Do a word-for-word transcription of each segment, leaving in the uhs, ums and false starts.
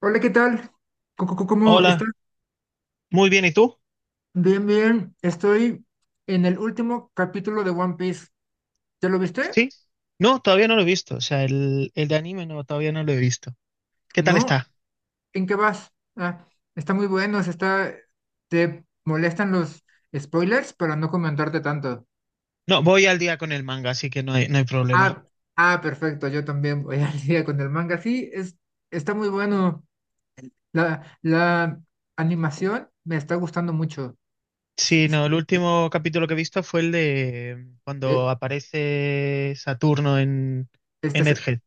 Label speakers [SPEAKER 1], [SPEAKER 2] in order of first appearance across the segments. [SPEAKER 1] Hola, ¿qué tal? Co- co- co- ¿Cómo estás?
[SPEAKER 2] Hola, muy bien, ¿y tú?
[SPEAKER 1] Bien, bien. Estoy en el último capítulo de One Piece. ¿Ya lo viste?
[SPEAKER 2] ¿Sí? No, todavía no lo he visto, o sea, el, el de anime no, todavía no lo he visto. ¿Qué tal
[SPEAKER 1] ¿No?
[SPEAKER 2] está?
[SPEAKER 1] ¿En qué vas? Ah, está muy bueno. se está... ¿Te molestan los spoilers para no comentarte tanto?
[SPEAKER 2] No, voy al día con el manga, así que no hay, no hay problema.
[SPEAKER 1] Ah, ah, Perfecto. Yo también voy al día con el manga. Sí, es, está muy bueno. La, la animación me está gustando mucho. Sí,
[SPEAKER 2] Sí,
[SPEAKER 1] sí.
[SPEAKER 2] no, el último capítulo que he visto fue el de
[SPEAKER 1] Eh,
[SPEAKER 2] cuando aparece Saturno en, en
[SPEAKER 1] este,
[SPEAKER 2] Egghead.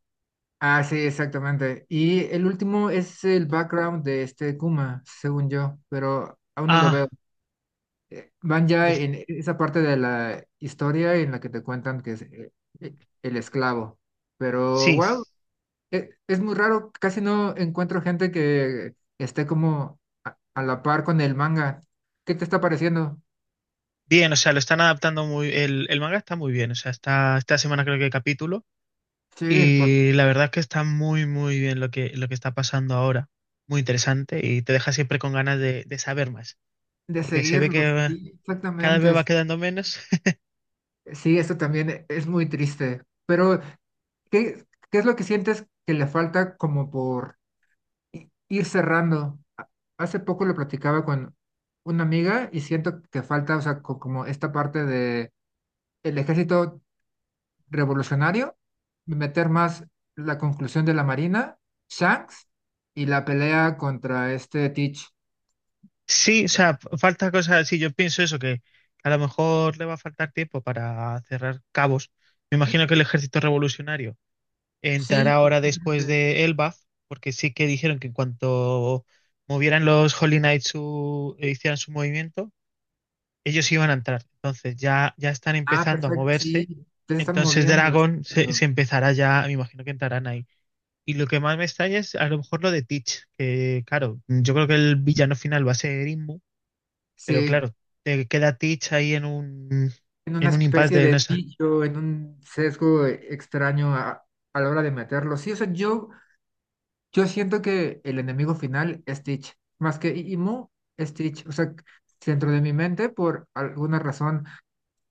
[SPEAKER 1] Ah, sí, exactamente. Y el último es el background de este Kuma, según yo, pero aún no lo veo.
[SPEAKER 2] Ah,
[SPEAKER 1] Eh, Van ya
[SPEAKER 2] uf,
[SPEAKER 1] en esa parte de la historia en la que te cuentan que es eh, eh, el esclavo. Pero,
[SPEAKER 2] sí,
[SPEAKER 1] wow, e- es muy raro, casi no encuentro gente que esté como a, a la par con el manga. ¿Qué te está pareciendo?
[SPEAKER 2] bien, o sea, lo están adaptando muy, el, el manga está muy bien, o sea, está, esta semana creo que hay capítulo.
[SPEAKER 1] Sí, por,
[SPEAKER 2] Y la verdad es que está muy, muy bien lo que, lo que está pasando ahora. Muy interesante y te deja siempre con ganas de, de saber más,
[SPEAKER 1] de
[SPEAKER 2] porque se ve
[SPEAKER 1] seguirlos.
[SPEAKER 2] que
[SPEAKER 1] Sí,
[SPEAKER 2] cada
[SPEAKER 1] exactamente.
[SPEAKER 2] vez va
[SPEAKER 1] es-
[SPEAKER 2] quedando menos.
[SPEAKER 1] Sí, eso también e- es muy triste. Pero ¿Qué, ¿qué es lo que sientes que le falta como por i- ir cerrando? A- Hace poco lo platicaba con una amiga y siento que falta, o sea, co- como esta parte de el ejército revolucionario, meter más la conclusión de la Marina, Shanks y la pelea contra este Teach.
[SPEAKER 2] Sí, o sea, f- falta cosas así. Yo pienso eso, que a lo mejor le va a faltar tiempo para cerrar cabos. Me imagino que el ejército revolucionario
[SPEAKER 1] Sí,
[SPEAKER 2] entrará ahora después
[SPEAKER 1] exactamente.
[SPEAKER 2] de Elbaf, porque sí que dijeron que en cuanto movieran los Holy Knights su, e hicieran su movimiento ellos iban a entrar. Entonces ya, ya están
[SPEAKER 1] Ah,
[SPEAKER 2] empezando a
[SPEAKER 1] perfecto,
[SPEAKER 2] moverse.
[SPEAKER 1] sí, te están
[SPEAKER 2] Entonces
[SPEAKER 1] moviendo.
[SPEAKER 2] Dragon se,
[SPEAKER 1] Exacto.
[SPEAKER 2] se empezará ya, me imagino que entrarán ahí. Y lo que más me extraña es a lo mejor lo de Teach, que claro, yo creo que el villano final va a ser Inmu, pero
[SPEAKER 1] Sí,
[SPEAKER 2] claro, te queda Teach ahí en un,
[SPEAKER 1] en una
[SPEAKER 2] en un impasse
[SPEAKER 1] especie
[SPEAKER 2] de
[SPEAKER 1] de
[SPEAKER 2] no sé.
[SPEAKER 1] nicho, en un sesgo eh, extraño a, a la hora de meterlo. Sí, o sea, yo, yo siento que el enemigo final es Stitch, más que I- Imu, es Stitch. O sea, dentro de mi mente, por alguna razón,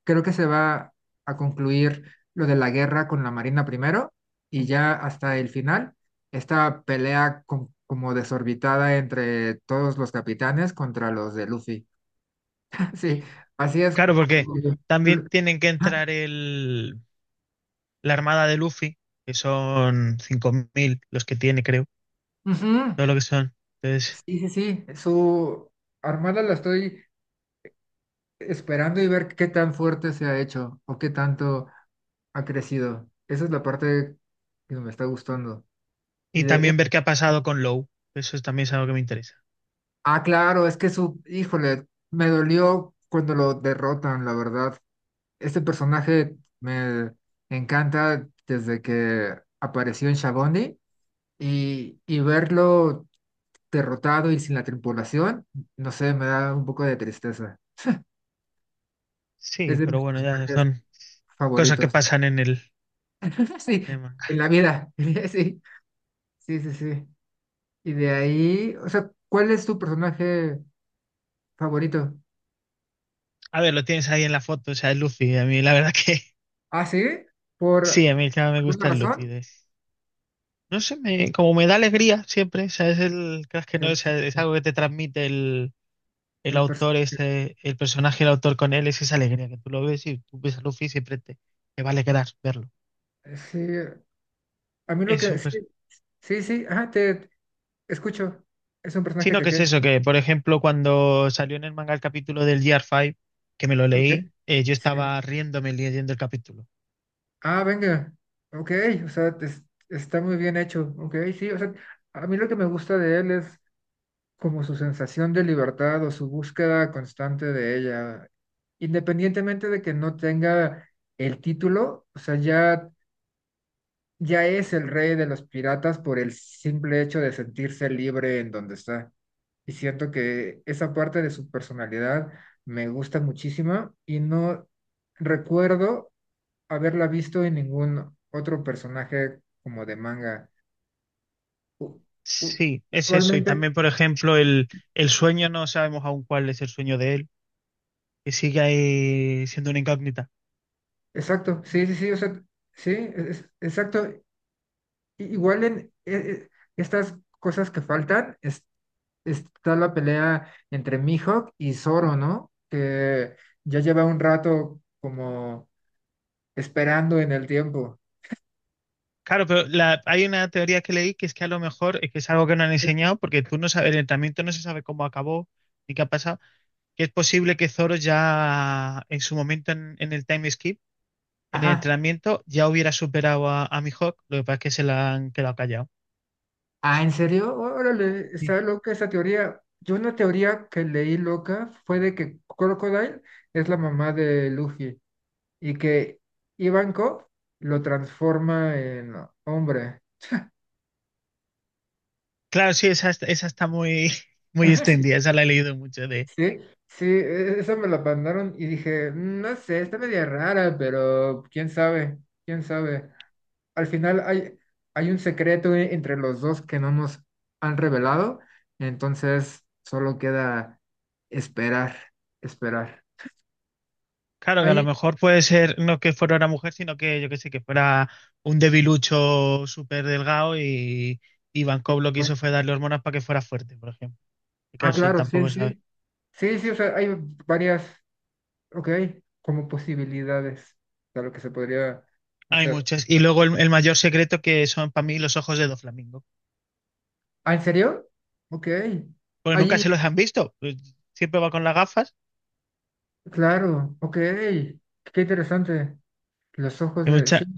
[SPEAKER 1] creo que se va a concluir lo de la guerra con la Marina primero y ya hasta el final, esta pelea con- como desorbitada entre todos los capitanes contra los de Luffy. Sí, así es.
[SPEAKER 2] Claro, porque también
[SPEAKER 1] Ujú.
[SPEAKER 2] tienen que entrar el, la armada de Luffy, que son cinco mil los que tiene, creo,
[SPEAKER 1] Ujú.
[SPEAKER 2] todo lo que son. Entonces,
[SPEAKER 1] Sí, sí, sí, su armada la estoy esperando y ver qué tan fuerte se ha hecho o qué tanto ha crecido. Esa es la parte que me está gustando. Y
[SPEAKER 2] y
[SPEAKER 1] de,
[SPEAKER 2] también ver qué ha pasado con Low, eso es, también es algo que me interesa.
[SPEAKER 1] ah, claro, es que su, híjole, me dolió cuando lo derrotan, la verdad. Este personaje me encanta desde que apareció en Shabondi y, y verlo derrotado y sin la tripulación, no sé, me da un poco de tristeza. Es
[SPEAKER 2] Sí,
[SPEAKER 1] de
[SPEAKER 2] pero
[SPEAKER 1] mis
[SPEAKER 2] bueno, ya
[SPEAKER 1] personajes
[SPEAKER 2] son cosas que
[SPEAKER 1] favoritos.
[SPEAKER 2] pasan en el,
[SPEAKER 1] Sí,
[SPEAKER 2] en el
[SPEAKER 1] en
[SPEAKER 2] manga.
[SPEAKER 1] la vida. Sí, sí, sí, sí. Y de ahí, o sea, ¿cuál es tu personaje favorito?
[SPEAKER 2] A ver, lo tienes ahí en la foto, o sea, el Luffy. A mí, la verdad que
[SPEAKER 1] Ah, sí,
[SPEAKER 2] sí,
[SPEAKER 1] por
[SPEAKER 2] a mí ya me
[SPEAKER 1] alguna
[SPEAKER 2] gusta el Luffy.
[SPEAKER 1] razón.
[SPEAKER 2] de- No sé, me, como me da alegría siempre, o sea, es el crack que no, o
[SPEAKER 1] Interesante.
[SPEAKER 2] sea, es algo que te transmite el, el
[SPEAKER 1] El personaje.
[SPEAKER 2] autor, este, el personaje, el autor con él, es esa alegría que tú lo ves y tú ves a Luffy y siempre te, te va a alegrar verlo.
[SPEAKER 1] Sí, a mí lo
[SPEAKER 2] Es
[SPEAKER 1] que.
[SPEAKER 2] un
[SPEAKER 1] Sí,
[SPEAKER 2] pers-
[SPEAKER 1] sí, sí, ajá, te escucho. Es un personaje
[SPEAKER 2] Sino
[SPEAKER 1] que
[SPEAKER 2] que es
[SPEAKER 1] queda.
[SPEAKER 2] eso, que por ejemplo, cuando salió en el manga el capítulo del Year cinco, que me lo
[SPEAKER 1] Ok.
[SPEAKER 2] leí, eh, yo
[SPEAKER 1] Sí.
[SPEAKER 2] estaba riéndome leyendo el capítulo.
[SPEAKER 1] Ah, venga. Ok, o sea, es- está muy bien hecho. Ok, sí, o sea, a mí lo que me gusta de él es como su sensación de libertad o su búsqueda constante de ella, independientemente de que no tenga el título, o sea, ya, ya es el rey de los piratas por el simple hecho de sentirse libre en donde está. Y siento que esa parte de su personalidad me gusta muchísimo y no recuerdo haberla visto en ningún otro personaje como de manga. U- u-
[SPEAKER 2] Sí, es eso. Y
[SPEAKER 1] Usualmente
[SPEAKER 2] también, por ejemplo, el, el sueño, no sabemos aún cuál es el sueño de él, que sigue ahí siendo una incógnita.
[SPEAKER 1] exacto, sí, sí, sí, o sea, sí, es- exacto. I- Igual en eh, eh, estas cosas que faltan, es- está la pelea entre Mihawk y Zoro, ¿no? Que ya lleva un rato como esperando en el tiempo.
[SPEAKER 2] Claro, pero la- hay una teoría que leí que es que a lo mejor es que es algo que no han
[SPEAKER 1] Eh,
[SPEAKER 2] enseñado, porque tú no sabes, el entrenamiento no se sabe cómo acabó ni qué ha pasado, que es posible que Zoro ya en su momento en, en el time skip, en el
[SPEAKER 1] Ajá.
[SPEAKER 2] entrenamiento, ya hubiera superado a, a Mihawk, lo que pasa es que se la han quedado callado.
[SPEAKER 1] Ah, ¿en serio? Órale,
[SPEAKER 2] Sí.
[SPEAKER 1] está loca esa teoría. Yo una teoría que leí loca fue de que Crocodile es la mamá de Luffy y que Ivankov lo transforma en hombre.
[SPEAKER 2] Claro, sí, esa, esa está muy, muy
[SPEAKER 1] Sí,
[SPEAKER 2] extendida, esa la he leído mucho.
[SPEAKER 1] sí, sí, e- esa me la mandaron y dije, "Mm, no sé, está media rara, pero quién sabe, quién sabe. Al final hay, hay un secreto e- entre los dos que no nos han revelado, entonces solo queda esperar, esperar.
[SPEAKER 2] Claro, que a lo
[SPEAKER 1] Hay,
[SPEAKER 2] mejor puede ser no que fuera una mujer, sino que yo qué sé, que fuera un debilucho súper delgado y, y Van Gogh lo que hizo fue darle hormonas para que fuera fuerte, por ejemplo. Y claro,
[SPEAKER 1] ah,
[SPEAKER 2] eso
[SPEAKER 1] claro, sí,
[SPEAKER 2] tampoco sabe.
[SPEAKER 1] sí, sí, sí, o sea, hay varias, ok, como posibilidades de lo que se podría
[SPEAKER 2] Hay
[SPEAKER 1] hacer.
[SPEAKER 2] muchas. Y luego el, el mayor secreto que son para mí los ojos de dos Doflamingo.
[SPEAKER 1] ¿Ah, en serio? Ok.
[SPEAKER 2] Porque nunca
[SPEAKER 1] Allí
[SPEAKER 2] se los han visto. Pues siempre va con las gafas.
[SPEAKER 1] claro, ok, qué interesante. Los ojos
[SPEAKER 2] Y
[SPEAKER 1] de... Sí.
[SPEAKER 2] mucha,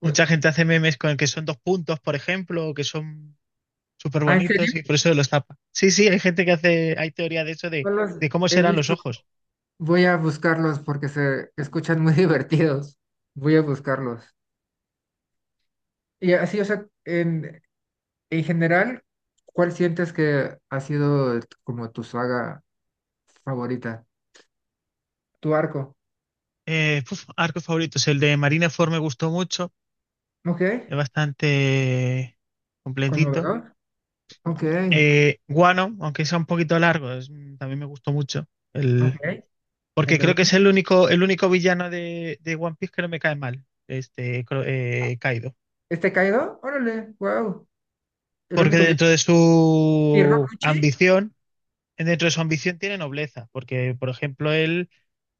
[SPEAKER 1] u-
[SPEAKER 2] mucha gente hace memes con el que son dos puntos, por ejemplo, o que son súper
[SPEAKER 1] Ah, ¿en serio?
[SPEAKER 2] bonitos y por eso los tapa. Sí, sí, hay gente que hace, hay teoría de eso de,
[SPEAKER 1] No los
[SPEAKER 2] de cómo
[SPEAKER 1] he
[SPEAKER 2] serán los
[SPEAKER 1] visto.
[SPEAKER 2] ojos.
[SPEAKER 1] Voy a buscarlos porque se escuchan muy divertidos. Voy a buscarlos. Y así, o sea, en, en general, ¿cuál sientes que ha sido t- como tu saga favorita? Tu arco.
[SPEAKER 2] Eh, uf, arcos favoritos. El de Marineford me gustó mucho.
[SPEAKER 1] Ok,
[SPEAKER 2] Es bastante completito.
[SPEAKER 1] conmovedor. Ok,
[SPEAKER 2] Eh, Guano, aunque sea un poquito largo, es- también me gustó mucho. El,
[SPEAKER 1] ok. El
[SPEAKER 2] Porque
[SPEAKER 1] de...
[SPEAKER 2] creo que
[SPEAKER 1] One-
[SPEAKER 2] es el único, el único villano de, de One Piece que no me cae mal. Este, Cro- eh, Kaido.
[SPEAKER 1] ¿Este caído? Órale, wow. El
[SPEAKER 2] Porque
[SPEAKER 1] único
[SPEAKER 2] dentro de
[SPEAKER 1] villano. ¿Y
[SPEAKER 2] su
[SPEAKER 1] Rokuchi?
[SPEAKER 2] ambición, dentro de su ambición tiene nobleza. Porque, por ejemplo, él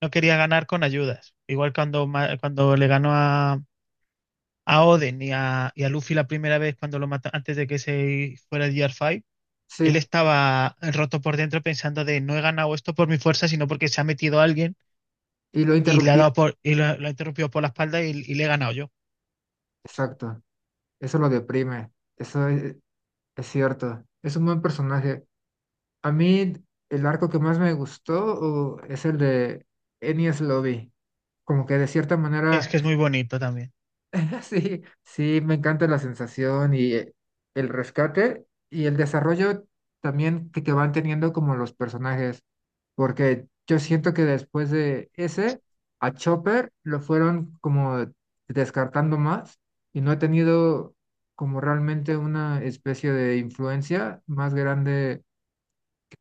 [SPEAKER 2] no quería ganar con ayudas. Igual cuando, ma- cuando le ganó a, a Oden y a, y a Luffy la primera vez cuando lo mata, antes de que se fuera el Gear cinco,
[SPEAKER 1] Sí,
[SPEAKER 2] él estaba roto por dentro pensando de no he ganado esto por mi fuerza, sino porque se ha metido alguien
[SPEAKER 1] y lo
[SPEAKER 2] y le ha
[SPEAKER 1] interrumpí.
[SPEAKER 2] dado por, y lo, lo ha interrumpido por la espalda y, y le he ganado yo.
[SPEAKER 1] Exacto. Eso lo deprime, eso es, es cierto. Es un buen personaje. A mí el arco que más me gustó uh, es el de Enies Lobby. Como que de cierta
[SPEAKER 2] Es
[SPEAKER 1] manera,
[SPEAKER 2] que es muy bonito también.
[SPEAKER 1] sí, sí, me encanta la sensación y eh, el rescate y el desarrollo también que, que van teniendo como los personajes porque yo siento que después de ese, a Chopper lo fueron como descartando más y no ha tenido como realmente una especie de influencia más grande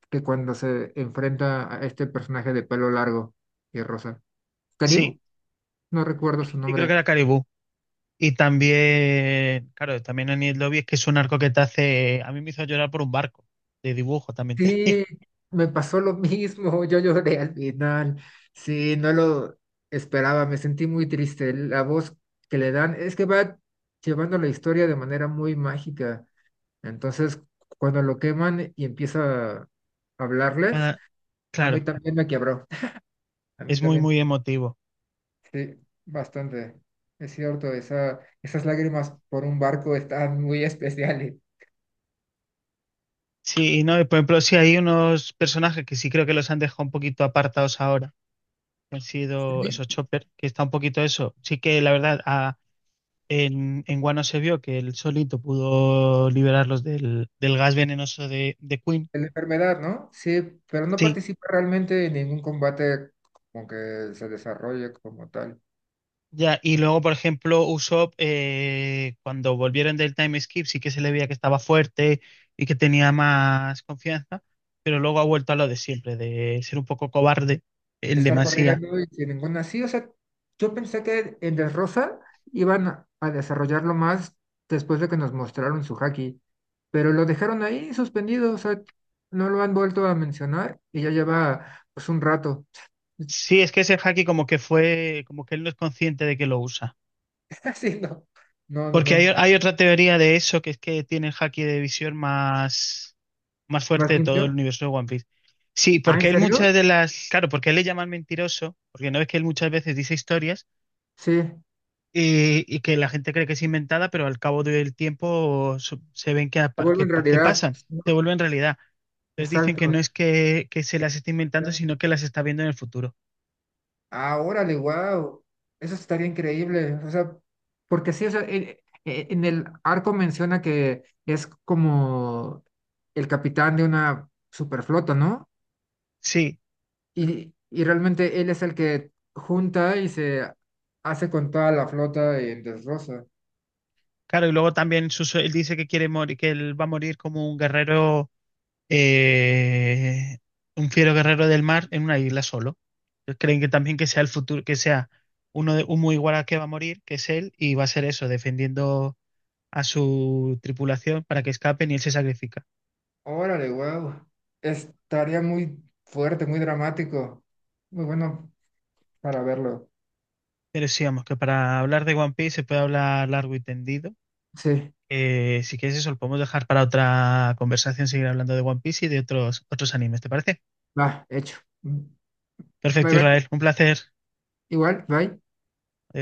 [SPEAKER 1] que cuando se enfrenta a este personaje de pelo largo y rosa.
[SPEAKER 2] Sí,
[SPEAKER 1] Karim, no recuerdo su
[SPEAKER 2] y creo que
[SPEAKER 1] nombre,
[SPEAKER 2] era Caribú. Y también, claro, también en el lobby es que es un arco que te hace, a mí me hizo llorar por un barco de dibujo también. Te-
[SPEAKER 1] sí, me pasó lo mismo, yo lloré al final, sí, no lo esperaba, me sentí muy triste, la voz que le dan es que va llevando la historia de manera muy mágica, entonces cuando lo queman y empieza a hablarles, a mí
[SPEAKER 2] claro,
[SPEAKER 1] también me quebró, a mí
[SPEAKER 2] es muy,
[SPEAKER 1] también,
[SPEAKER 2] muy emotivo.
[SPEAKER 1] sí, bastante, es cierto, esa, esas lágrimas por un barco están muy especiales.
[SPEAKER 2] Sí, no, y por ejemplo, sí hay unos personajes que sí creo que los han dejado un poquito apartados ahora. Han sido esos Chopper, que está un poquito eso. Sí que la verdad, a- en, en Wano se vio que él solito pudo liberarlos del, del gas venenoso de, de Queen.
[SPEAKER 1] La enfermedad, ¿no? Sí, pero no
[SPEAKER 2] Sí,
[SPEAKER 1] participa realmente en ningún combate como que se desarrolle como tal.
[SPEAKER 2] ya. Y luego, por ejemplo, Usopp, eh, cuando volvieron del time skip, sí que se le veía que estaba fuerte y que tenía más confianza, pero luego ha vuelto a lo de siempre, de ser un poco cobarde en
[SPEAKER 1] Estar
[SPEAKER 2] demasía.
[SPEAKER 1] corriendo y sin ninguna así, o sea, yo pensé que en Dressrosa iban a a desarrollarlo más después de que nos mostraron su haki, pero lo dejaron ahí suspendido, o sea, no lo han vuelto a mencionar y ya lleva pues un rato.
[SPEAKER 2] Sí, es que ese haki como que fue, como que él no es consciente de que lo usa.
[SPEAKER 1] Sí, no, no, no,
[SPEAKER 2] Porque hay,
[SPEAKER 1] no.
[SPEAKER 2] hay otra teoría de eso, que es que tiene el haki de visión más, más fuerte
[SPEAKER 1] ¿Más
[SPEAKER 2] de todo el
[SPEAKER 1] limpio?
[SPEAKER 2] universo de One Piece. Sí,
[SPEAKER 1] Ah, ¿en
[SPEAKER 2] porque él
[SPEAKER 1] serio?
[SPEAKER 2] muchas de las, claro, porque él le llaman mentiroso, porque no ves que él muchas veces dice historias
[SPEAKER 1] Sí, se
[SPEAKER 2] y, y que la gente cree que es inventada, pero al cabo del tiempo su- se ven que, apa-
[SPEAKER 1] vuelve
[SPEAKER 2] que,
[SPEAKER 1] en
[SPEAKER 2] pa- que
[SPEAKER 1] realidad,
[SPEAKER 2] pasan, se
[SPEAKER 1] ¿no?
[SPEAKER 2] vuelven realidad. Entonces dicen que
[SPEAKER 1] Exacto.
[SPEAKER 2] no es que, que, se las esté inventando, sino que las está viendo en el futuro.
[SPEAKER 1] Ah, órale, wow. Eso estaría increíble. O sea, porque sí, o sea, en, e, en el arco menciona que es como el capitán de una superflota, ¿no?
[SPEAKER 2] Sí,
[SPEAKER 1] Y, y realmente él es el que junta y se hace con toda la flota en destroza.
[SPEAKER 2] claro, y luego también su sue- él dice que quiere morir, que él va a morir como un guerrero, eh, un fiero guerrero del mar en una isla solo. Entonces, creen que también que sea el futuro, que sea uno de, un muy igual al que va a morir, que es él, y va a ser eso, defendiendo a su tripulación para que escapen y él se sacrifica.
[SPEAKER 1] Órale, wow. Estaría muy fuerte, muy dramático. Muy bueno para verlo.
[SPEAKER 2] Pero sí, vamos, que para hablar de One Piece se puede hablar largo y tendido.
[SPEAKER 1] Sí,
[SPEAKER 2] Eh, si quieres eso, lo podemos dejar para otra conversación, seguir hablando de One Piece y de otros, otros animes, ¿te parece?
[SPEAKER 1] va, hecho. Bye,
[SPEAKER 2] Perfecto,
[SPEAKER 1] bye.
[SPEAKER 2] Israel, un placer.
[SPEAKER 1] Igual, bye.
[SPEAKER 2] Adiós.